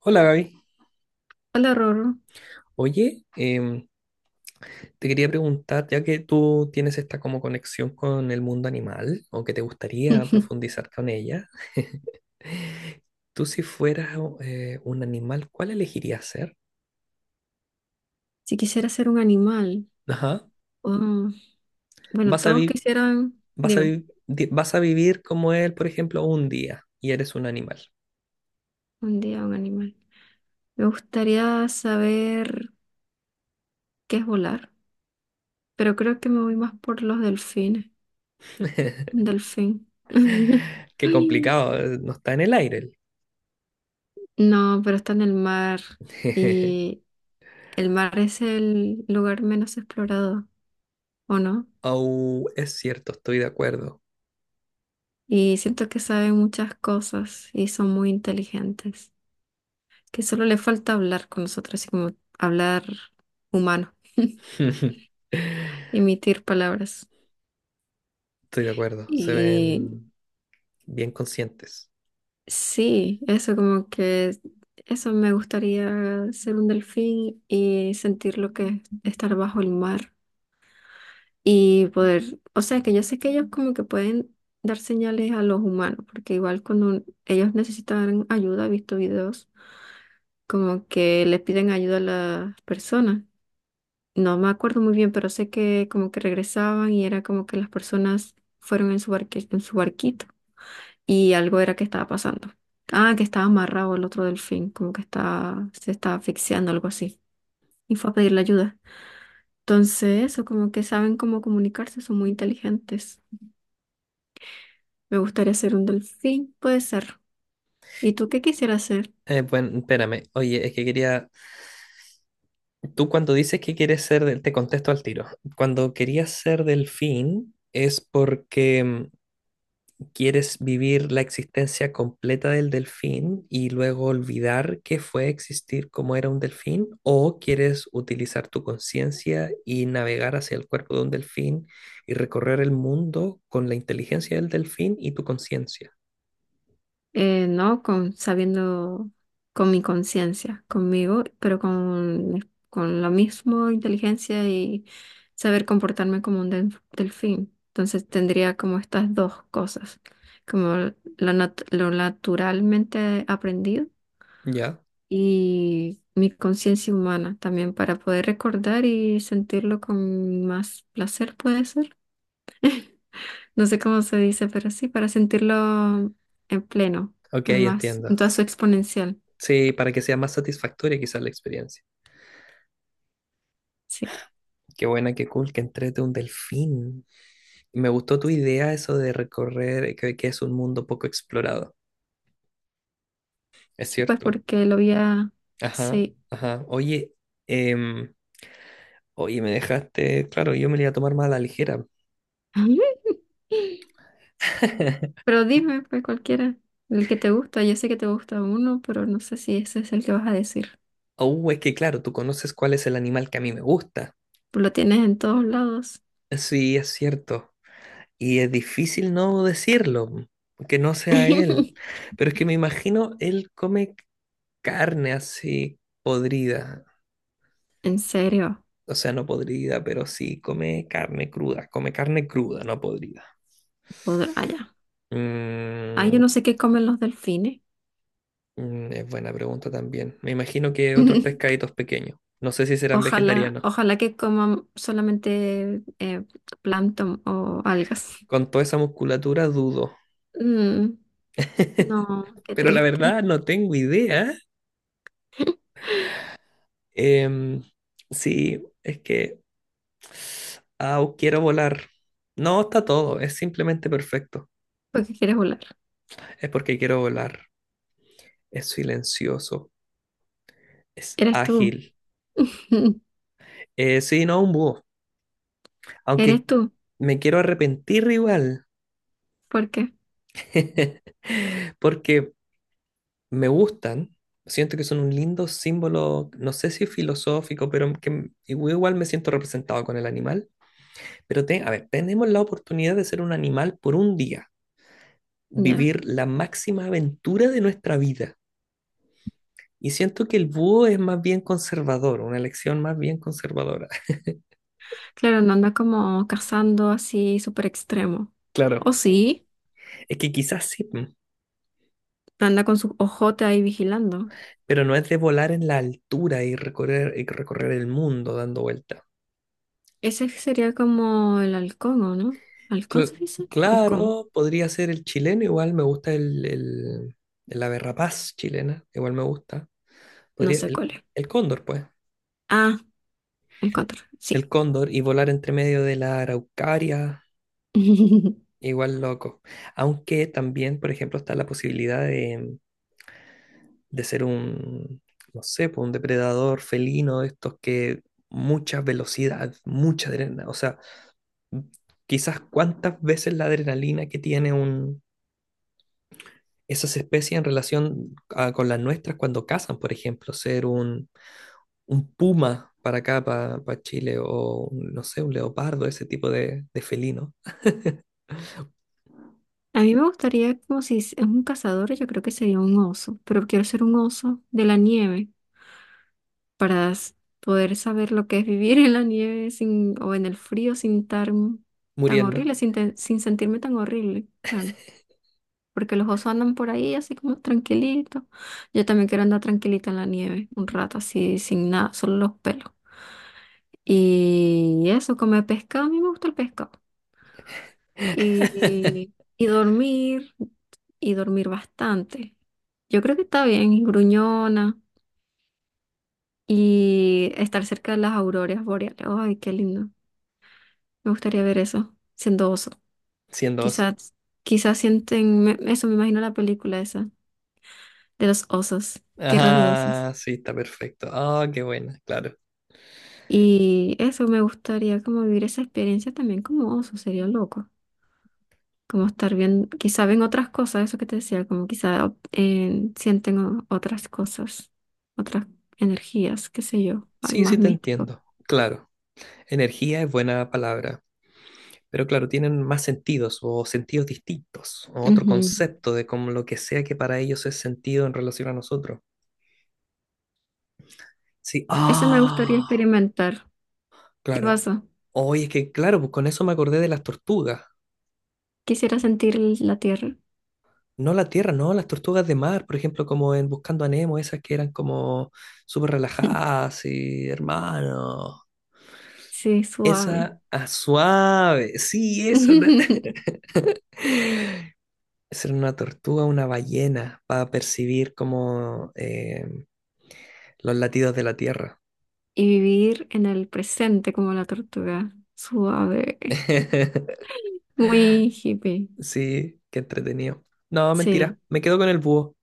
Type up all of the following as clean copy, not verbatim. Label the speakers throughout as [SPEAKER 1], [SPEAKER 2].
[SPEAKER 1] Hola Gaby.
[SPEAKER 2] Hola, Roro.
[SPEAKER 1] Oye, te quería preguntar, ya que tú tienes esta como conexión con el mundo animal o que te gustaría profundizar con ella, tú si fueras un animal, ¿cuál elegirías ser?
[SPEAKER 2] Si quisiera ser un animal,
[SPEAKER 1] Ajá.
[SPEAKER 2] oh, bueno,
[SPEAKER 1] Vas a
[SPEAKER 2] todos
[SPEAKER 1] vi-
[SPEAKER 2] quisieran, dime,
[SPEAKER 1] Vas a vivir como él, por ejemplo, un día y eres un animal.
[SPEAKER 2] un día un animal. Me gustaría saber qué es volar, pero creo que me voy más por los delfines. Un delfín.
[SPEAKER 1] Qué complicado, no está en el aire.
[SPEAKER 2] No, pero está en el mar y el mar es el lugar menos explorado, ¿o no?
[SPEAKER 1] Oh, es cierto, estoy de acuerdo.
[SPEAKER 2] Y siento que saben muchas cosas y son muy inteligentes, que solo le falta hablar con nosotros, así como hablar humano. Emitir palabras.
[SPEAKER 1] Estoy de acuerdo, se
[SPEAKER 2] Y
[SPEAKER 1] ven bien conscientes.
[SPEAKER 2] sí, eso como que, eso me gustaría ser un delfín y sentir lo que es estar bajo el mar y poder, o sea, que yo sé que ellos como que pueden dar señales a los humanos, porque igual cuando ellos necesitan ayuda, he visto videos, como que les piden ayuda a las personas. No me acuerdo muy bien, pero sé que como que regresaban y era como que las personas fueron en su en su barquito. Y algo era que estaba pasando. Ah, que estaba amarrado el otro delfín, como que estaba, se estaba asfixiando, algo así. Y fue a pedirle ayuda. Entonces, eso, como que saben cómo comunicarse, son muy inteligentes. Me gustaría ser un delfín, puede ser. ¿Y tú qué quisieras ser?
[SPEAKER 1] Bueno, espérame. Oye, es que quería. Tú cuando dices que quieres ser del. Te contesto al tiro. Cuando querías ser delfín, ¿es porque quieres vivir la existencia completa del delfín y luego olvidar que fue existir como era un delfín? ¿O quieres utilizar tu conciencia y navegar hacia el cuerpo de un delfín y recorrer el mundo con la inteligencia del delfín y tu conciencia?
[SPEAKER 2] No, con, sabiendo con mi conciencia, conmigo, pero con la misma inteligencia y saber comportarme como un delfín. Entonces tendría como estas dos cosas, como lo, lo naturalmente aprendido
[SPEAKER 1] ¿Ya?
[SPEAKER 2] y mi conciencia humana también para poder recordar y sentirlo con más placer, puede ser. No sé cómo se dice, pero sí, para sentirlo en pleno,
[SPEAKER 1] Ok,
[SPEAKER 2] en más,
[SPEAKER 1] entiendo.
[SPEAKER 2] en toda su exponencial.
[SPEAKER 1] Sí, para que sea más satisfactoria quizás la experiencia.
[SPEAKER 2] Sí,
[SPEAKER 1] Qué buena, qué cool, que entrete un delfín. Me gustó tu idea eso de recorrer, que es un mundo poco explorado. Es
[SPEAKER 2] sí, pues
[SPEAKER 1] cierto.
[SPEAKER 2] porque lo había,
[SPEAKER 1] Ajá,
[SPEAKER 2] sí.
[SPEAKER 1] ajá. Oye, em, oye, me dejaste, claro, yo me lo iba a tomar más a la ligera.
[SPEAKER 2] Pero dime, pues cualquiera, el que te gusta. Yo sé que te gusta uno, pero no sé si ese es el que vas a decir.
[SPEAKER 1] Oh, es que claro, tú conoces cuál es el animal que a mí me gusta.
[SPEAKER 2] Pues lo tienes en todos lados.
[SPEAKER 1] Sí, es cierto. Y es difícil no decirlo, que no sea él. Pero es que me imagino, él come carne así podrida.
[SPEAKER 2] En serio,
[SPEAKER 1] O sea, no podrida, pero sí come carne cruda. Come carne cruda, no podrida.
[SPEAKER 2] podrá, ah, ya. Ay, yo
[SPEAKER 1] Mm,
[SPEAKER 2] no sé qué comen los delfines.
[SPEAKER 1] mm, es buena pregunta también. Me imagino que otros pescaditos pequeños. No sé si serán
[SPEAKER 2] Ojalá,
[SPEAKER 1] vegetarianos.
[SPEAKER 2] ojalá que coman solamente plancton o algas.
[SPEAKER 1] Con toda esa musculatura dudo.
[SPEAKER 2] Mm, no, qué
[SPEAKER 1] Pero la
[SPEAKER 2] triste.
[SPEAKER 1] verdad no tengo idea. Em, sí, es que... Au, quiero volar. No, está todo. Es simplemente perfecto.
[SPEAKER 2] ¿Porque quieres volar?
[SPEAKER 1] Es porque quiero volar. Es silencioso. Es
[SPEAKER 2] Eres tú.
[SPEAKER 1] ágil. Sí, no, un búho. Aunque
[SPEAKER 2] Eres tú.
[SPEAKER 1] me quiero arrepentir igual,
[SPEAKER 2] ¿Por qué?
[SPEAKER 1] porque me gustan, siento que son un lindo símbolo, no sé si filosófico, pero igual me siento representado con el animal. Pero a ver, tenemos la oportunidad de ser un animal por un día,
[SPEAKER 2] Ya.
[SPEAKER 1] vivir la máxima aventura de nuestra vida. Y siento que el búho es más bien conservador, una elección más bien conservadora.
[SPEAKER 2] Claro, no anda como cazando así súper extremo. O
[SPEAKER 1] Claro.
[SPEAKER 2] sí,
[SPEAKER 1] Es que quizás sí, mm,
[SPEAKER 2] anda con su ojote ahí vigilando.
[SPEAKER 1] pero no es de volar en la altura y recorrer el mundo dando vueltas.
[SPEAKER 2] Ese sería como el halcón, ¿o no? ¿Halcón se
[SPEAKER 1] Cl-
[SPEAKER 2] dice? Halcón.
[SPEAKER 1] claro, podría ser el chileno, igual me gusta la berrapaz chilena, igual me gusta.
[SPEAKER 2] No
[SPEAKER 1] Podría,
[SPEAKER 2] sé cuál es.
[SPEAKER 1] el cóndor, pues.
[SPEAKER 2] Ah, el cóndor, sí.
[SPEAKER 1] El cóndor y volar entre medio de la araucaria, igual loco. Aunque también, por ejemplo, está la posibilidad de ser un, no sé, pues, un depredador felino, de estos que mucha velocidad, mucha adrenalina, o sea, quizás cuántas veces la adrenalina que tiene un esas especies en relación con las nuestras cuando cazan, por ejemplo, ser un puma para acá, para Chile, o un, no sé, un leopardo, ese tipo de felino.
[SPEAKER 2] A mí me gustaría, como si es un cazador, yo creo que sería un oso, pero quiero ser un oso de la nieve para poder saber lo que es vivir en la nieve sin, o en el frío sin estar tan
[SPEAKER 1] Muriendo,
[SPEAKER 2] horrible, sin, sin sentirme tan horrible, claro. Porque los osos andan por ahí así como tranquilitos. Yo también quiero andar tranquilita en la nieve, un rato así, sin nada, solo los pelos. Y eso, comer pescado, a mí me gusta el pescado. Y, y dormir, y dormir bastante. Yo creo que está bien, y gruñona, y estar cerca de las auroras boreales. Ay, qué lindo. Me gustaría ver eso, siendo oso.
[SPEAKER 1] siendo oso.
[SPEAKER 2] Quizás, quizás sienten, eso me imagino la película esa, de los osos, Tierra de Osos.
[SPEAKER 1] Ah, sí, está perfecto. Ah, qué buena, claro.
[SPEAKER 2] Y eso me gustaría como vivir esa experiencia también como oso, sería loco. Como estar bien, quizá ven otras cosas, eso que te decía, como quizá sienten otras cosas, otras energías, qué sé yo, algo
[SPEAKER 1] Sí,
[SPEAKER 2] más
[SPEAKER 1] sí, te
[SPEAKER 2] místico.
[SPEAKER 1] entiendo, claro. Energía es buena palabra. Pero claro, tienen más sentidos o sentidos distintos o otro
[SPEAKER 2] Ujú.
[SPEAKER 1] concepto de como lo que sea que para ellos es sentido en relación a nosotros. Sí,
[SPEAKER 2] Eso me gustaría
[SPEAKER 1] ah,
[SPEAKER 2] experimentar. ¿Qué
[SPEAKER 1] claro.
[SPEAKER 2] pasa?
[SPEAKER 1] Oye, es que claro, pues con eso me acordé de las tortugas.
[SPEAKER 2] Quisiera sentir la tierra.
[SPEAKER 1] No la tierra, no, las tortugas de mar, por ejemplo, como en Buscando a Nemo, esas que eran como súper relajadas y hermano.
[SPEAKER 2] Sí, suave.
[SPEAKER 1] Esa ah, suave, sí, eso. Esa era una tortuga, una ballena, para percibir como los latidos de la tierra.
[SPEAKER 2] Y vivir en el presente como la tortuga. Suave. Muy hippie.
[SPEAKER 1] Sí, qué entretenido. No, mentira.
[SPEAKER 2] Sí.
[SPEAKER 1] Me quedo con el búho.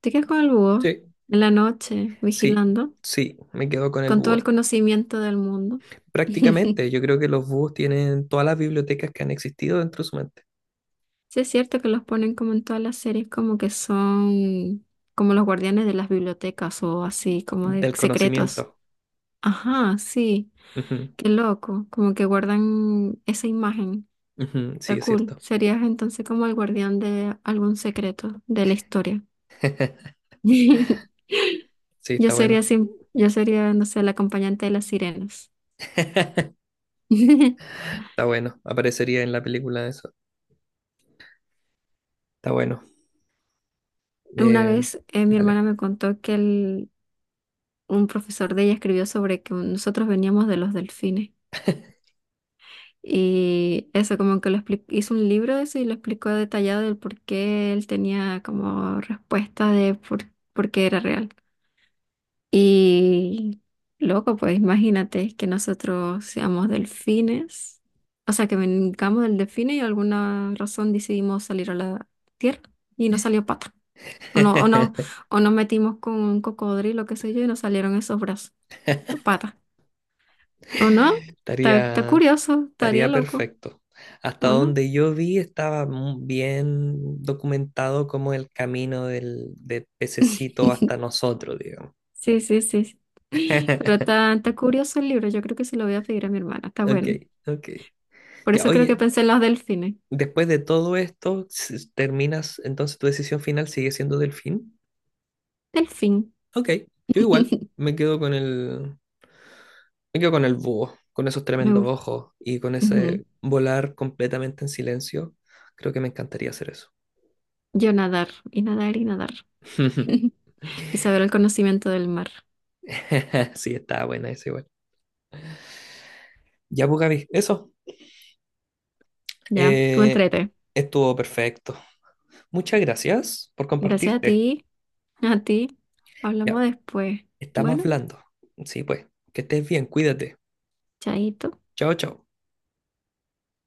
[SPEAKER 2] Te quedas con el búho
[SPEAKER 1] Sí.
[SPEAKER 2] en la noche,
[SPEAKER 1] Sí,
[SPEAKER 2] vigilando,
[SPEAKER 1] sí, me quedo con el
[SPEAKER 2] con todo el
[SPEAKER 1] búho.
[SPEAKER 2] conocimiento del mundo.
[SPEAKER 1] Prácticamente, yo creo que los búhos tienen todas las bibliotecas que han existido dentro de su mente,
[SPEAKER 2] Sí, es cierto que los ponen como en todas las series, como que son como los guardianes de las bibliotecas o así, como de
[SPEAKER 1] del
[SPEAKER 2] secretos.
[SPEAKER 1] conocimiento.
[SPEAKER 2] Ajá, sí,
[SPEAKER 1] Ujú,
[SPEAKER 2] qué loco, como que guardan esa imagen.
[SPEAKER 1] ujú, sí,
[SPEAKER 2] Está
[SPEAKER 1] es
[SPEAKER 2] cool.
[SPEAKER 1] cierto.
[SPEAKER 2] Serías entonces como el guardián de algún secreto de la historia.
[SPEAKER 1] Sí,
[SPEAKER 2] Yo
[SPEAKER 1] está
[SPEAKER 2] sería,
[SPEAKER 1] bueno.
[SPEAKER 2] yo sería, no sé, la acompañante de las sirenas.
[SPEAKER 1] Está bueno. Aparecería en la película eso. Está bueno.
[SPEAKER 2] Una
[SPEAKER 1] Eh,
[SPEAKER 2] vez mi hermana
[SPEAKER 1] dale.
[SPEAKER 2] me contó que un profesor de ella escribió sobre que nosotros veníamos de los delfines. Y eso como que lo hizo un libro de eso y lo explicó detallado del por qué él tenía como respuesta de por qué era real. Y loco, pues imagínate que nosotros seamos delfines, o sea, que vengamos del delfine y alguna razón decidimos salir a la tierra y no salió pato. O no, o no, o nos metimos con un cocodrilo, qué sé yo, y nos salieron esos brazos, de pata. ¿O no? Está, está
[SPEAKER 1] Estaría,
[SPEAKER 2] curioso, estaría
[SPEAKER 1] estaría
[SPEAKER 2] loco,
[SPEAKER 1] perfecto. Hasta
[SPEAKER 2] ¿o no?
[SPEAKER 1] donde yo vi estaba bien documentado como el camino del pececito hasta nosotros, digamos.
[SPEAKER 2] Sí, sí, sí, sí. Pero está, está curioso el libro, yo creo que se lo voy a pedir a mi hermana, está
[SPEAKER 1] Ok,
[SPEAKER 2] bueno.
[SPEAKER 1] ok.
[SPEAKER 2] Por
[SPEAKER 1] Ya,
[SPEAKER 2] eso creo que
[SPEAKER 1] oye,
[SPEAKER 2] pensé en los delfines.
[SPEAKER 1] después de todo esto, terminas, entonces tu decisión final sigue siendo delfín.
[SPEAKER 2] Delfín.
[SPEAKER 1] Ok, yo igual me quedo con me quedo con el búho, con esos
[SPEAKER 2] Me
[SPEAKER 1] tremendos
[SPEAKER 2] gusta.
[SPEAKER 1] ojos y con ese volar completamente en silencio. Creo que me encantaría hacer eso.
[SPEAKER 2] Yo nadar, y nadar, y nadar. Y saber el conocimiento del mar.
[SPEAKER 1] Sí, está buena esa igual. Ya, pues, Gaby, eso.
[SPEAKER 2] Ya, tú
[SPEAKER 1] Eh,
[SPEAKER 2] entrete.
[SPEAKER 1] estuvo perfecto. Muchas gracias por
[SPEAKER 2] Gracias a
[SPEAKER 1] compartirte.
[SPEAKER 2] ti, a ti. Hablamos
[SPEAKER 1] Ya,
[SPEAKER 2] después.
[SPEAKER 1] estamos
[SPEAKER 2] Bueno,
[SPEAKER 1] hablando. Sí, pues, que estés bien, cuídate.
[SPEAKER 2] chaito.
[SPEAKER 1] Chao, chao.